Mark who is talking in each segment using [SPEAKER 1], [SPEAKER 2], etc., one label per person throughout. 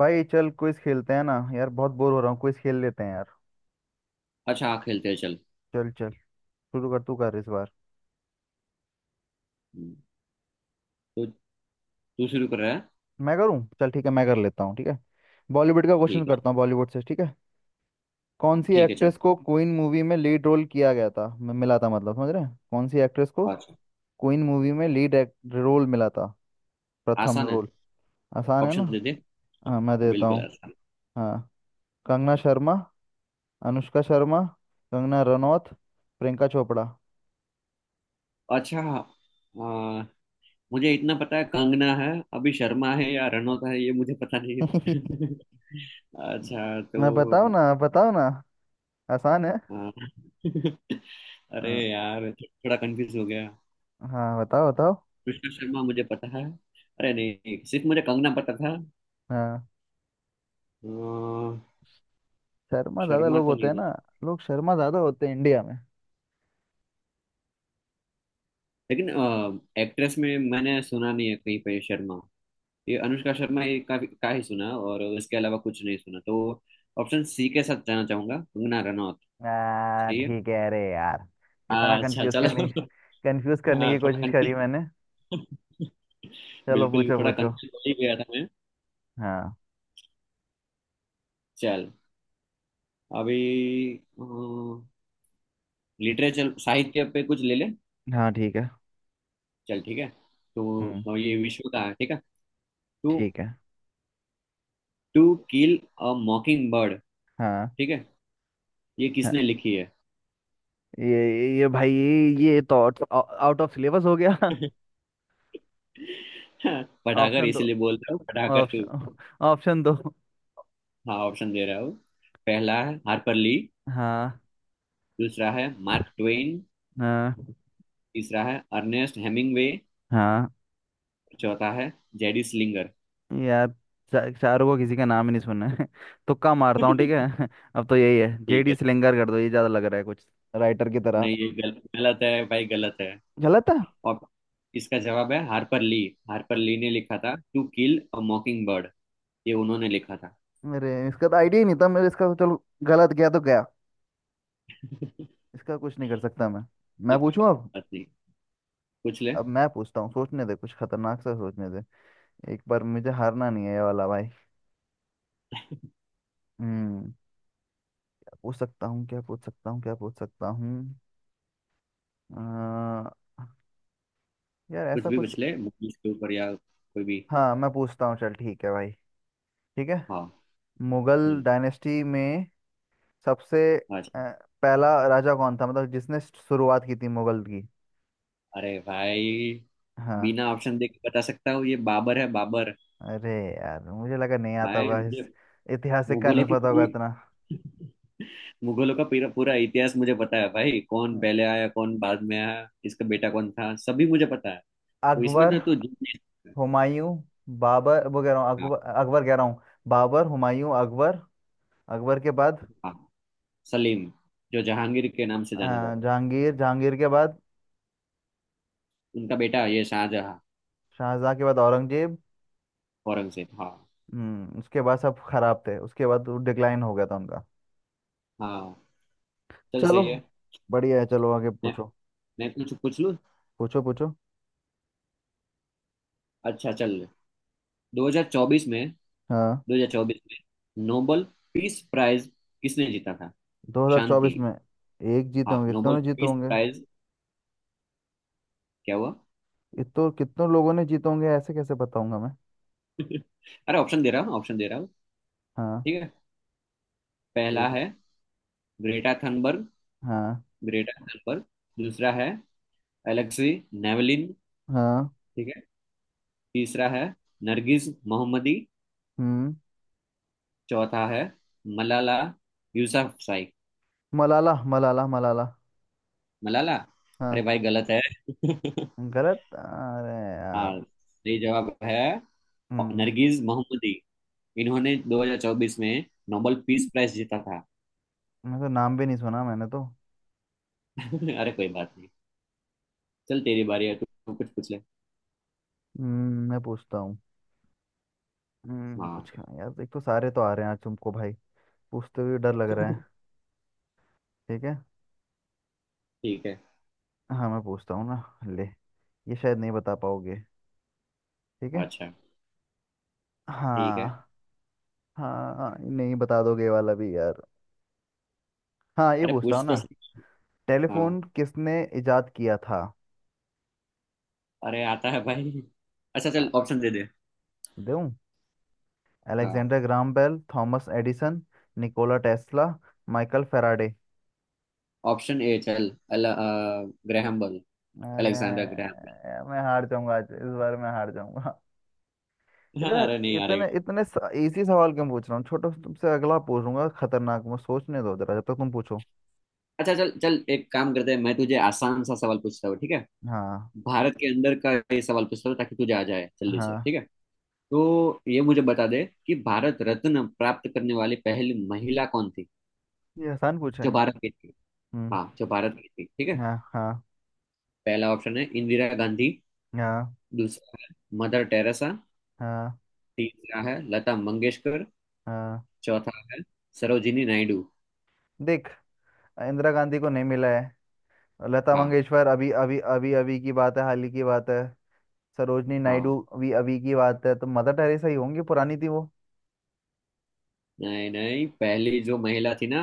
[SPEAKER 1] भाई, चल क्विज खेलते हैं ना यार। बहुत बोर हो रहा हूँ। क्विज खेल लेते हैं यार।
[SPEAKER 2] अच्छा। हाँ, खेलते हैं चल।
[SPEAKER 1] चल चल। शुरू कर, तू कर इस बार।
[SPEAKER 2] हम्म, तो तू शुरू कर रहा है।
[SPEAKER 1] मैं करूँ? चल ठीक है, मैं कर लेता हूँ। ठीक है। बॉलीवुड का क्वेश्चन
[SPEAKER 2] ठीक है।
[SPEAKER 1] करता हूँ, बॉलीवुड से, ठीक है। कौन सी
[SPEAKER 2] ठीक है, चल।
[SPEAKER 1] एक्ट्रेस को क्वीन मूवी में लीड रोल किया गया था, मिला था, मतलब समझ रहे हैं? कौन सी एक्ट्रेस को
[SPEAKER 2] अच्छा।
[SPEAKER 1] क्वीन मूवी में लीड रोल मिला था, प्रथम
[SPEAKER 2] आसान है।
[SPEAKER 1] रोल। आसान है ना।
[SPEAKER 2] ऑप्शन दे दे।
[SPEAKER 1] हाँ मैं देता
[SPEAKER 2] बिल्कुल
[SPEAKER 1] हूँ।
[SPEAKER 2] आसान।
[SPEAKER 1] हाँ। कंगना शर्मा। अनुष्का शर्मा। कंगना रनौत। प्रियंका चोपड़ा।
[SPEAKER 2] अच्छा। आ, मुझे इतना पता है, कंगना है। अभी शर्मा है या रनौत है, ये मुझे पता नहीं है। अच्छा,
[SPEAKER 1] मैं बताओ
[SPEAKER 2] तो
[SPEAKER 1] ना, बताओ ना। आसान है।
[SPEAKER 2] आ, अरे
[SPEAKER 1] हाँ।
[SPEAKER 2] यार, थोड़ा कंफ्यूज हो गया।
[SPEAKER 1] हाँ, बताओ बताओ।
[SPEAKER 2] कृष्णा शर्मा मुझे पता है। अरे नहीं, सिर्फ मुझे कंगना पता था।
[SPEAKER 1] हाँ,
[SPEAKER 2] आ,
[SPEAKER 1] शर्मा ज्यादा
[SPEAKER 2] शर्मा
[SPEAKER 1] लोग
[SPEAKER 2] तो
[SPEAKER 1] होते
[SPEAKER 2] नहीं
[SPEAKER 1] हैं
[SPEAKER 2] है।
[SPEAKER 1] ना। लोग शर्मा ज्यादा होते हैं इंडिया में।
[SPEAKER 2] लेकिन एक्ट्रेस में मैंने सुना नहीं है कहीं पे शर्मा। ये अनुष्का शर्मा, ये का ही सुना और इसके अलावा कुछ नहीं सुना, तो ऑप्शन सी के साथ जाना चाहूंगा, कंगना रनौत। सही है।
[SPEAKER 1] ठीक है। अरे यार, इतना
[SPEAKER 2] हाँ, अच्छा,
[SPEAKER 1] कंफ्यूज
[SPEAKER 2] चलो।
[SPEAKER 1] करने, कंफ्यूज करने
[SPEAKER 2] हाँ,
[SPEAKER 1] की
[SPEAKER 2] थोड़ा
[SPEAKER 1] कोशिश करी मैंने।
[SPEAKER 2] कंफ्यूज।
[SPEAKER 1] चलो
[SPEAKER 2] बिल्कुल,
[SPEAKER 1] पूछो
[SPEAKER 2] थोड़ा
[SPEAKER 1] पूछो।
[SPEAKER 2] कंफ्यूज हो ही गया था मैं।
[SPEAKER 1] हाँ।
[SPEAKER 2] चल, अभी लिटरेचर साहित्य पे कुछ ले ले।
[SPEAKER 1] हाँ। ठीक है।
[SPEAKER 2] चल, ठीक है। तो
[SPEAKER 1] हम्म।
[SPEAKER 2] ये विश्व का है, ठीक है। टू।
[SPEAKER 1] ठीक है।
[SPEAKER 2] To kill a mockingbird,
[SPEAKER 1] हाँ।
[SPEAKER 2] ठीक है। ये
[SPEAKER 1] हाँ
[SPEAKER 2] किसने लिखी है?
[SPEAKER 1] ये भाई, ये तो आउट ऑफ सिलेबस हो गया।
[SPEAKER 2] पढ़ाकर
[SPEAKER 1] ऑप्शन दो।
[SPEAKER 2] इसीलिए बोल रहा हूँ, पढ़ाकर तू।
[SPEAKER 1] ऑप्शन ऑप्शन दो।
[SPEAKER 2] हाँ, ऑप्शन दे रहा हूँ। पहला है हार्पर ली।
[SPEAKER 1] हाँ।
[SPEAKER 2] दूसरा है मार्क ट्वेन।
[SPEAKER 1] हाँ।
[SPEAKER 2] तीसरा है अर्नेस्ट हेमिंग्वे।
[SPEAKER 1] हाँ
[SPEAKER 2] चौथा है जेडी स्लिंगर।
[SPEAKER 1] यार, शाहरुख को किसी का नाम ही नहीं सुनना है। तुक्का मारता हूँ, ठीक है। अब तो यही है,
[SPEAKER 2] ठीक
[SPEAKER 1] जेडी
[SPEAKER 2] है।
[SPEAKER 1] सिलिंगर कर दो, ये ज्यादा लग रहा है कुछ राइटर की तरह।
[SPEAKER 2] नहीं, ये गलत है भाई, गलत है।
[SPEAKER 1] गलत है।
[SPEAKER 2] और इसका जवाब है हार्पर ली। हार्पर
[SPEAKER 1] अ-
[SPEAKER 2] ली ने लिखा था to kill a mockingbird. ये उन्होंने लिखा था।
[SPEAKER 1] मेरे इसका तो आइडिया ही नहीं था, मेरे इसका तो। चलो गलत गया तो गया, इसका कुछ नहीं कर सकता मैं।
[SPEAKER 2] चल,
[SPEAKER 1] मैं
[SPEAKER 2] कोई
[SPEAKER 1] पूछूं अब।
[SPEAKER 2] बात नहीं। पूछ ले,
[SPEAKER 1] अब मैं पूछता हूँ, सोचने दे कुछ खतरनाक सा, सोचने दे। एक बार मुझे हारना नहीं है ये वाला भाई। हम्म। क्या पूछ सकता हूँ, क्या पूछ सकता हूँ, क्या पूछ सकता हूँ। अ, यार
[SPEAKER 2] कुछ
[SPEAKER 1] ऐसा
[SPEAKER 2] भी
[SPEAKER 1] कुछ।
[SPEAKER 2] पूछ ले, मूवीज के ऊपर या कोई भी।
[SPEAKER 1] हाँ मैं पूछता हूँ, चल ठीक है भाई। ठीक है।
[SPEAKER 2] हाँ।
[SPEAKER 1] मुगल
[SPEAKER 2] हम्म।
[SPEAKER 1] डायनेस्टी में सबसे अ,
[SPEAKER 2] अच्छा।
[SPEAKER 1] पहला राजा कौन था, मतलब जिसने शुरुआत की थी मुगल की।
[SPEAKER 2] अरे भाई,
[SPEAKER 1] हाँ।
[SPEAKER 2] बिना ऑप्शन देख के बता सकता हूँ, ये बाबर है, बाबर।
[SPEAKER 1] अरे यार, मुझे लगा नहीं आता
[SPEAKER 2] भाई
[SPEAKER 1] होगा
[SPEAKER 2] मुझे,
[SPEAKER 1] इस ऐतिहासिक का, नहीं
[SPEAKER 2] मुगलों की
[SPEAKER 1] पता होगा
[SPEAKER 2] पूरी,
[SPEAKER 1] इतना।
[SPEAKER 2] मुगलों का पूरा पूरा इतिहास मुझे पता है भाई, कौन
[SPEAKER 1] हम्म,
[SPEAKER 2] पहले आया, कौन बाद में आया, इसका बेटा कौन था, सभी मुझे पता है। तो इसमें
[SPEAKER 1] अकबर
[SPEAKER 2] तो तू जीत नहीं सकता।
[SPEAKER 1] हुमायूं बाबर, वो कह रहा हूँ
[SPEAKER 2] हाँ।
[SPEAKER 1] अकबर अकबर कह रहा हूँ। बाबर हुमायूं अकबर। अकबर के बाद
[SPEAKER 2] हाँ। सलीम, जो जहांगीर के नाम से
[SPEAKER 1] अ,
[SPEAKER 2] जाना जा रहा है।
[SPEAKER 1] जहांगीर। जहांगीर के बाद
[SPEAKER 2] उनका बेटा ये शाहजहां।
[SPEAKER 1] शाहजहां के बाद औरंगजेब।
[SPEAKER 2] औरंगजेब, हाँ।
[SPEAKER 1] उसके बाद सब खराब थे, उसके बाद डिक्लाइन हो गया था उनका।
[SPEAKER 2] हाँ, चल
[SPEAKER 1] चलो,
[SPEAKER 2] सही है।
[SPEAKER 1] बढ़िया है, चलो आगे
[SPEAKER 2] मैं
[SPEAKER 1] पूछो।
[SPEAKER 2] मैं कुछ पूछ लूँ।
[SPEAKER 1] पूछो पूछो।
[SPEAKER 2] अच्छा, चल। 2024 में,
[SPEAKER 1] हाँ।
[SPEAKER 2] 2024 में नोबल पीस प्राइज किसने जीता था? शांति,
[SPEAKER 1] 2024 में एक जीते
[SPEAKER 2] हाँ,
[SPEAKER 1] होंगे, कितनों
[SPEAKER 2] नोबल
[SPEAKER 1] ने जीते
[SPEAKER 2] पीस
[SPEAKER 1] होंगे।
[SPEAKER 2] प्राइज। क्या हुआ?
[SPEAKER 1] इतो कितनों लोगों ने जीते होंगे, ऐसे कैसे बताऊंगा मैं।
[SPEAKER 2] अरे ऑप्शन दे रहा हूँ, ऑप्शन दे रहा हूँ।
[SPEAKER 1] हाँ।
[SPEAKER 2] ठीक है। पहला
[SPEAKER 1] ठीक है।
[SPEAKER 2] है ग्रेटा थनबर्ग,
[SPEAKER 1] हाँ।
[SPEAKER 2] Greta Thunberg. दूसरा है एलेक्सी नेवलिन,
[SPEAKER 1] हाँ।
[SPEAKER 2] ठीक है। तीसरा है नरगिस मोहम्मदी।
[SPEAKER 1] हम्म
[SPEAKER 2] चौथा है मलाला यूसुफजई।
[SPEAKER 1] मलाला मलाला मलाला।
[SPEAKER 2] मलाला? अरे
[SPEAKER 1] हाँ।
[SPEAKER 2] भाई, गलत है।
[SPEAKER 1] गलत। अरे यार।
[SPEAKER 2] हाँ, सही जवाब है
[SPEAKER 1] हम्म
[SPEAKER 2] नरगिस मोहम्मदी। इन्होंने 2024 में नोबेल पीस प्राइज जीता था।
[SPEAKER 1] मैं तो नाम भी नहीं सुना मैंने तो।
[SPEAKER 2] अरे कोई बात नहीं। चल, तेरी बारी है, तू कुछ पूछ ले।
[SPEAKER 1] मैं पूछता हूँ।
[SPEAKER 2] हाँ।
[SPEAKER 1] कुछ यार एक तो सारे तो आ रहे हैं आज तुमको भाई, पूछते हुए डर लग रहा है। ठीक है।
[SPEAKER 2] ठीक है।
[SPEAKER 1] हाँ मैं पूछता हूँ ना। ले, ये शायद नहीं बता पाओगे, ठीक है।
[SPEAKER 2] अच्छा। ठीक है।
[SPEAKER 1] हाँ। हाँ नहीं बता दोगे ये वाला भी यार। हाँ ये
[SPEAKER 2] अरे
[SPEAKER 1] पूछता हूँ
[SPEAKER 2] पूछ
[SPEAKER 1] ना।
[SPEAKER 2] तो सही। हाँ।
[SPEAKER 1] टेलीफोन किसने इजाद किया था?
[SPEAKER 2] अरे आता है भाई। अच्छा,
[SPEAKER 1] आ,
[SPEAKER 2] चल ऑप्शन दे दे।
[SPEAKER 1] दूं।
[SPEAKER 2] हाँ।
[SPEAKER 1] Alexander Graham Bell. Thomas Edison. Nikola Tesla. Michael Faraday.
[SPEAKER 2] Option A, चल। Graham Bell.
[SPEAKER 1] अरे
[SPEAKER 2] अलेक्जेंडर ग्रैहम
[SPEAKER 1] मैं हार जाऊंगा आज, इस बार मैं हार जाऊंगा।
[SPEAKER 2] बेल, हाँ।
[SPEAKER 1] इतना,
[SPEAKER 2] अरे, नहीं
[SPEAKER 1] इतने
[SPEAKER 2] हारेगा।
[SPEAKER 1] इतने इजी सवाल क्यों पूछ रहा हूँ छोटा सा, तुमसे अगला पूछूंगा खतरनाक। मैं सोचने दो जरा जब तक, तुम पूछो।
[SPEAKER 2] अच्छा, चल चल, एक काम करते हैं, मैं तुझे आसान सा सवाल पूछता हूँ, ठीक है।
[SPEAKER 1] हाँ।
[SPEAKER 2] भारत के अंदर का ये सवाल पूछता हूँ ताकि तुझे आ जाए जल्दी से,
[SPEAKER 1] हाँ,
[SPEAKER 2] ठीक है। तो ये मुझे बता दे कि भारत रत्न प्राप्त करने वाली पहली महिला कौन थी?
[SPEAKER 1] ये आसान पूछा
[SPEAKER 2] जो
[SPEAKER 1] है।
[SPEAKER 2] भारत की थी।
[SPEAKER 1] हम्म।
[SPEAKER 2] हाँ, जो भारत की थी, ठीक है।
[SPEAKER 1] हाँ। हाँ।
[SPEAKER 2] पहला ऑप्शन है इंदिरा गांधी।
[SPEAKER 1] हाँ।
[SPEAKER 2] दूसरा है मदर टेरेसा।
[SPEAKER 1] हाँ।
[SPEAKER 2] तीसरा है लता मंगेशकर।
[SPEAKER 1] हाँ
[SPEAKER 2] चौथा है सरोजिनी नायडू।
[SPEAKER 1] देख, इंदिरा गांधी को नहीं मिला है। लता
[SPEAKER 2] हाँ।
[SPEAKER 1] मंगेशकर अभी अभी अभी अभी की बात है, हाल ही की बात है। सरोजनी
[SPEAKER 2] हाँ।
[SPEAKER 1] नायडू अभी अभी की बात है, तो मदर टेरेसा ही होंगी, पुरानी थी वो।
[SPEAKER 2] नहीं नहीं, पहली जो महिला थी ना,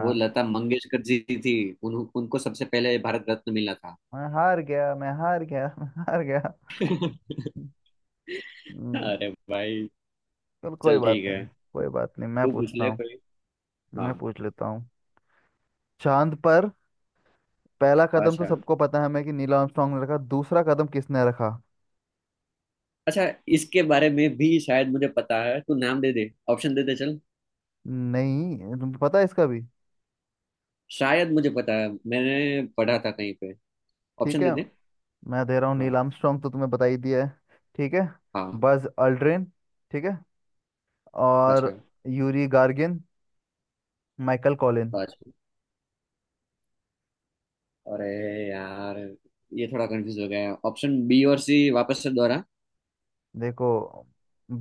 [SPEAKER 2] वो लता मंगेशकर जी थी। उनको सबसे पहले भारत रत्न मिला था।
[SPEAKER 1] मैं हार गया, मैं हार गया। मैं हार गया। हम्म,
[SPEAKER 2] अरे भाई।
[SPEAKER 1] चल कोई
[SPEAKER 2] चल
[SPEAKER 1] बात
[SPEAKER 2] ठीक है।
[SPEAKER 1] नहीं। कोई बात नहीं, मैं
[SPEAKER 2] तू पूछ
[SPEAKER 1] पूछता
[SPEAKER 2] ले
[SPEAKER 1] हूँ।
[SPEAKER 2] कोई। हाँ।
[SPEAKER 1] मैं पूछ लेता हूँ। चांद पर पहला कदम तो
[SPEAKER 2] अच्छा,
[SPEAKER 1] सबको पता है हमें, कि नील आर्मस्ट्रांग ने रखा, दूसरा कदम किसने रखा?
[SPEAKER 2] अच्छा। इसके बारे में भी शायद मुझे पता है, तू नाम दे दे, ऑप्शन दे दे चल।
[SPEAKER 1] नहीं तुम्हें पता है इसका भी?
[SPEAKER 2] शायद मुझे पता है, मैंने पढ़ा था कहीं पे।
[SPEAKER 1] ठीक
[SPEAKER 2] ऑप्शन दे
[SPEAKER 1] है,
[SPEAKER 2] दे।
[SPEAKER 1] मैं दे रहा हूँ। नील
[SPEAKER 2] हाँ।
[SPEAKER 1] आर्मस्ट्रांग तो तुम्हें बता ही दिया है। ठीक है।
[SPEAKER 2] हाँ।
[SPEAKER 1] Buzz Aldrin. ठीक है। और
[SPEAKER 2] अच्छा।
[SPEAKER 1] Yuri Gagarin. Michael Colin.
[SPEAKER 2] अच्छा, अरे यार, ये थोड़ा कंफ्यूज हो गया। ऑप्शन बी और सी वापस से दोहरा।
[SPEAKER 1] देखो,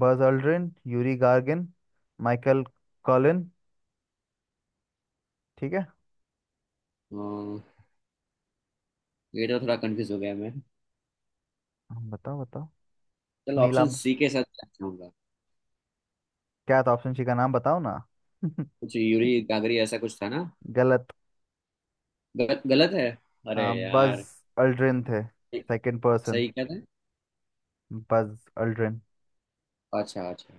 [SPEAKER 1] Buzz Aldrin, Yuri Gagarin, Michael Collin. ठीक है।
[SPEAKER 2] हाँ। ये तो थोड़ा कंफ्यूज हो गया मैं।
[SPEAKER 1] हाँ, बताओ बताओ।
[SPEAKER 2] चल,
[SPEAKER 1] नीला,
[SPEAKER 2] ऑप्शन सी के साथ जाना चाहूंगा।
[SPEAKER 1] क्या था ऑप्शन सी का नाम, बताओ ना।
[SPEAKER 2] कुछ यूरी गागरी, ऐसा कुछ था ना?
[SPEAKER 1] गलत।
[SPEAKER 2] गलत? गलत है। अरे
[SPEAKER 1] हाँ, बज
[SPEAKER 2] यार।
[SPEAKER 1] अल्ड्रिन थे सेकंड पर्सन।
[SPEAKER 2] सही क्या था?
[SPEAKER 1] Buzz Aldrin.
[SPEAKER 2] अच्छा, अच्छा।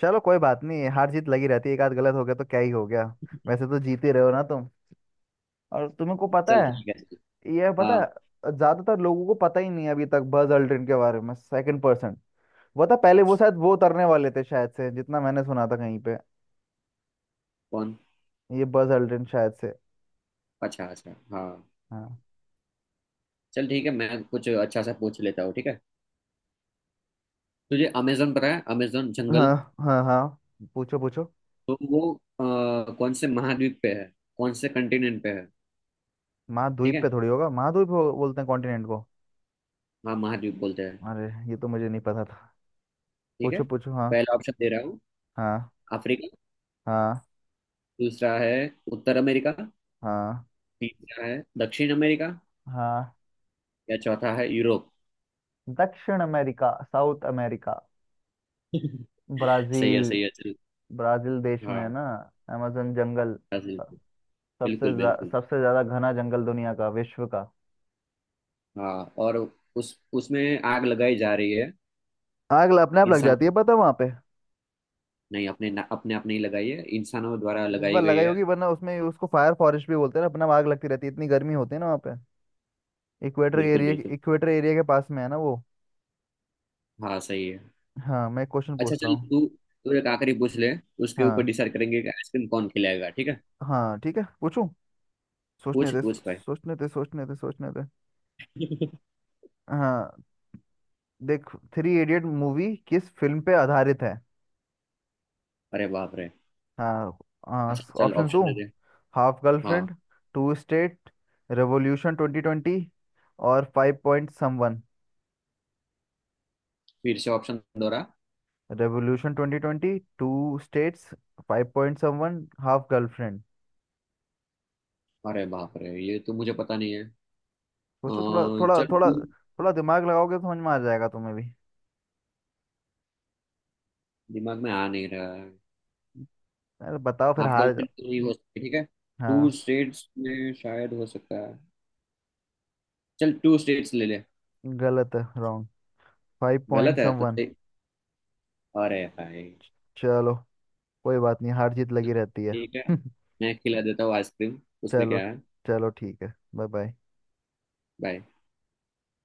[SPEAKER 1] चलो कोई बात नहीं, हार जीत लगी रहती है। एक आध गलत हो गया तो क्या ही हो गया। वैसे तो जीत ही रहे हो ना तुम, और तुम्हें को पता
[SPEAKER 2] चल ठीक है
[SPEAKER 1] है।
[SPEAKER 2] चल।
[SPEAKER 1] ये पता
[SPEAKER 2] हाँ।
[SPEAKER 1] है, ज्यादातर लोगों को पता ही नहीं है अभी तक, बज अल्ड्रिन के बारे में, सेकंड पर्सन वो था। पहले वो शायद, वो उतरने वाले थे शायद से, जितना मैंने सुना था कहीं पे।
[SPEAKER 2] कौन?
[SPEAKER 1] ये बज अल्ड्रिन, शायद से।
[SPEAKER 2] अच्छा, अच्छा, हाँ।
[SPEAKER 1] हाँ।
[SPEAKER 2] चल ठीक है, मैं कुछ अच्छा सा पूछ लेता हूँ, ठीक है। तुझे अमेजोन पता है, अमेजोन जंगल?
[SPEAKER 1] हाँ। हाँ। हाँ पूछो पूछो।
[SPEAKER 2] तो वो कौन से महाद्वीप पे है? कौन से कंटिनेंट पे है? ठीक
[SPEAKER 1] महाद्वीप पे
[SPEAKER 2] है।
[SPEAKER 1] थोड़ी होगा, महाद्वीप बोलते हैं कॉन्टिनेंट को।
[SPEAKER 2] हाँ, महाद्वीप बोलते हैं।
[SPEAKER 1] अरे, ये तो मुझे नहीं पता था।
[SPEAKER 2] ठीक है।
[SPEAKER 1] पूछो पूछो। हाँ।
[SPEAKER 2] पहला ऑप्शन दे रहा हूँ,
[SPEAKER 1] हाँ।
[SPEAKER 2] अफ्रीका।
[SPEAKER 1] हाँ।
[SPEAKER 2] दूसरा है उत्तर अमेरिका।
[SPEAKER 1] हाँ।
[SPEAKER 2] तीसरा है दक्षिण अमेरिका।
[SPEAKER 1] हाँ।
[SPEAKER 2] या चौथा है यूरोप।
[SPEAKER 1] दक्षिण अमेरिका, साउथ अमेरिका।
[SPEAKER 2] सही
[SPEAKER 1] ब्राजील।
[SPEAKER 2] है, सही है चल।
[SPEAKER 1] ब्राजील देश में है
[SPEAKER 2] हाँ,
[SPEAKER 1] ना अमेजन जंगल।
[SPEAKER 2] ब्राजील।
[SPEAKER 1] स-
[SPEAKER 2] बिल्कुल, बिल्कुल।
[SPEAKER 1] सबसे ज्यादा घना जंगल दुनिया का, विश्व का।
[SPEAKER 2] हाँ, और उस उसमें आग लगाई जा रही है।
[SPEAKER 1] आग अपने आप लग
[SPEAKER 2] इंसान,
[SPEAKER 1] जाती है, पता वहां पे।
[SPEAKER 2] नहीं, अपने आप नहीं लगाई है, इंसानों द्वारा
[SPEAKER 1] इस
[SPEAKER 2] लगाई
[SPEAKER 1] बार
[SPEAKER 2] गई
[SPEAKER 1] लगाई
[SPEAKER 2] है।
[SPEAKER 1] होगी वरना उसमें, उसको फायर फॉरेस्ट भी बोलते हैं ना, अपना आग लगती रहती है, इतनी गर्मी होती है ना वहाँ पे। इक्वेटर
[SPEAKER 2] बिल्कुल,
[SPEAKER 1] एरिया,
[SPEAKER 2] बिल्कुल।
[SPEAKER 1] इक्वेटर एरिया के पास में है ना वो।
[SPEAKER 2] हाँ, सही है।
[SPEAKER 1] हाँ मैं क्वेश्चन
[SPEAKER 2] अच्छा,
[SPEAKER 1] पूछता
[SPEAKER 2] चल
[SPEAKER 1] हूँ।
[SPEAKER 2] तू तू एक आखिरी पूछ ले। उसके ऊपर
[SPEAKER 1] हाँ।
[SPEAKER 2] डिसाइड करेंगे कि आइसक्रीम कौन खिलाएगा, ठीक है।
[SPEAKER 1] हाँ ठीक है, पूछूं। सोचने
[SPEAKER 2] पूछ
[SPEAKER 1] दे,
[SPEAKER 2] पूछ भाई।
[SPEAKER 1] सोचने दे, सोचने दे, सोचने दे। हाँ देख, थ्री इडियट मूवी किस फिल्म पे आधारित है?
[SPEAKER 2] अरे बाप रे।
[SPEAKER 1] हाँ।
[SPEAKER 2] अच्छा, चल,
[SPEAKER 1] ऑप्शन दूँ।
[SPEAKER 2] ऑप्शन दे दे।
[SPEAKER 1] हाफ
[SPEAKER 2] हाँ।
[SPEAKER 1] गर्लफ्रेंड। Two states. रेवोल्यूशन 2020। और फाइव पॉइंट समवन।
[SPEAKER 2] फिर से ऑप्शन दोहरा।
[SPEAKER 1] Revolution twenty twenty, two states, five point seven one, half girlfriend.
[SPEAKER 2] अरे बाप रे, ये तो मुझे पता नहीं है।
[SPEAKER 1] सोचो थोड़ा थोड़ा
[SPEAKER 2] चल
[SPEAKER 1] थोड़ा।
[SPEAKER 2] तू।
[SPEAKER 1] थोड़ा दिमाग लगाओगे तो समझ में आ जाएगा तुम्हें भी।
[SPEAKER 2] दिमाग में आ नहीं रहा।
[SPEAKER 1] अरे बताओ फिर
[SPEAKER 2] आप
[SPEAKER 1] हार
[SPEAKER 2] गर्लफ्रेंड
[SPEAKER 1] जाओ।
[SPEAKER 2] तो नहीं हो सकती, ठीक है। टू
[SPEAKER 1] हाँ
[SPEAKER 2] स्टेट्स में शायद हो सकता है। चल, टू स्टेट्स ले ले।
[SPEAKER 1] गलत है, रॉन्ग। फाइव
[SPEAKER 2] गलत
[SPEAKER 1] पॉइंट
[SPEAKER 2] है तो
[SPEAKER 1] समवन।
[SPEAKER 2] सही? अरे भाई।
[SPEAKER 1] चलो कोई बात नहीं, हार जीत लगी रहती है।
[SPEAKER 2] ठीक है। मैं खिला देता हूँ आइसक्रीम, उसमें
[SPEAKER 1] चलो।
[SPEAKER 2] क्या है।
[SPEAKER 1] चलो ठीक है, बाय बाय।
[SPEAKER 2] बाय।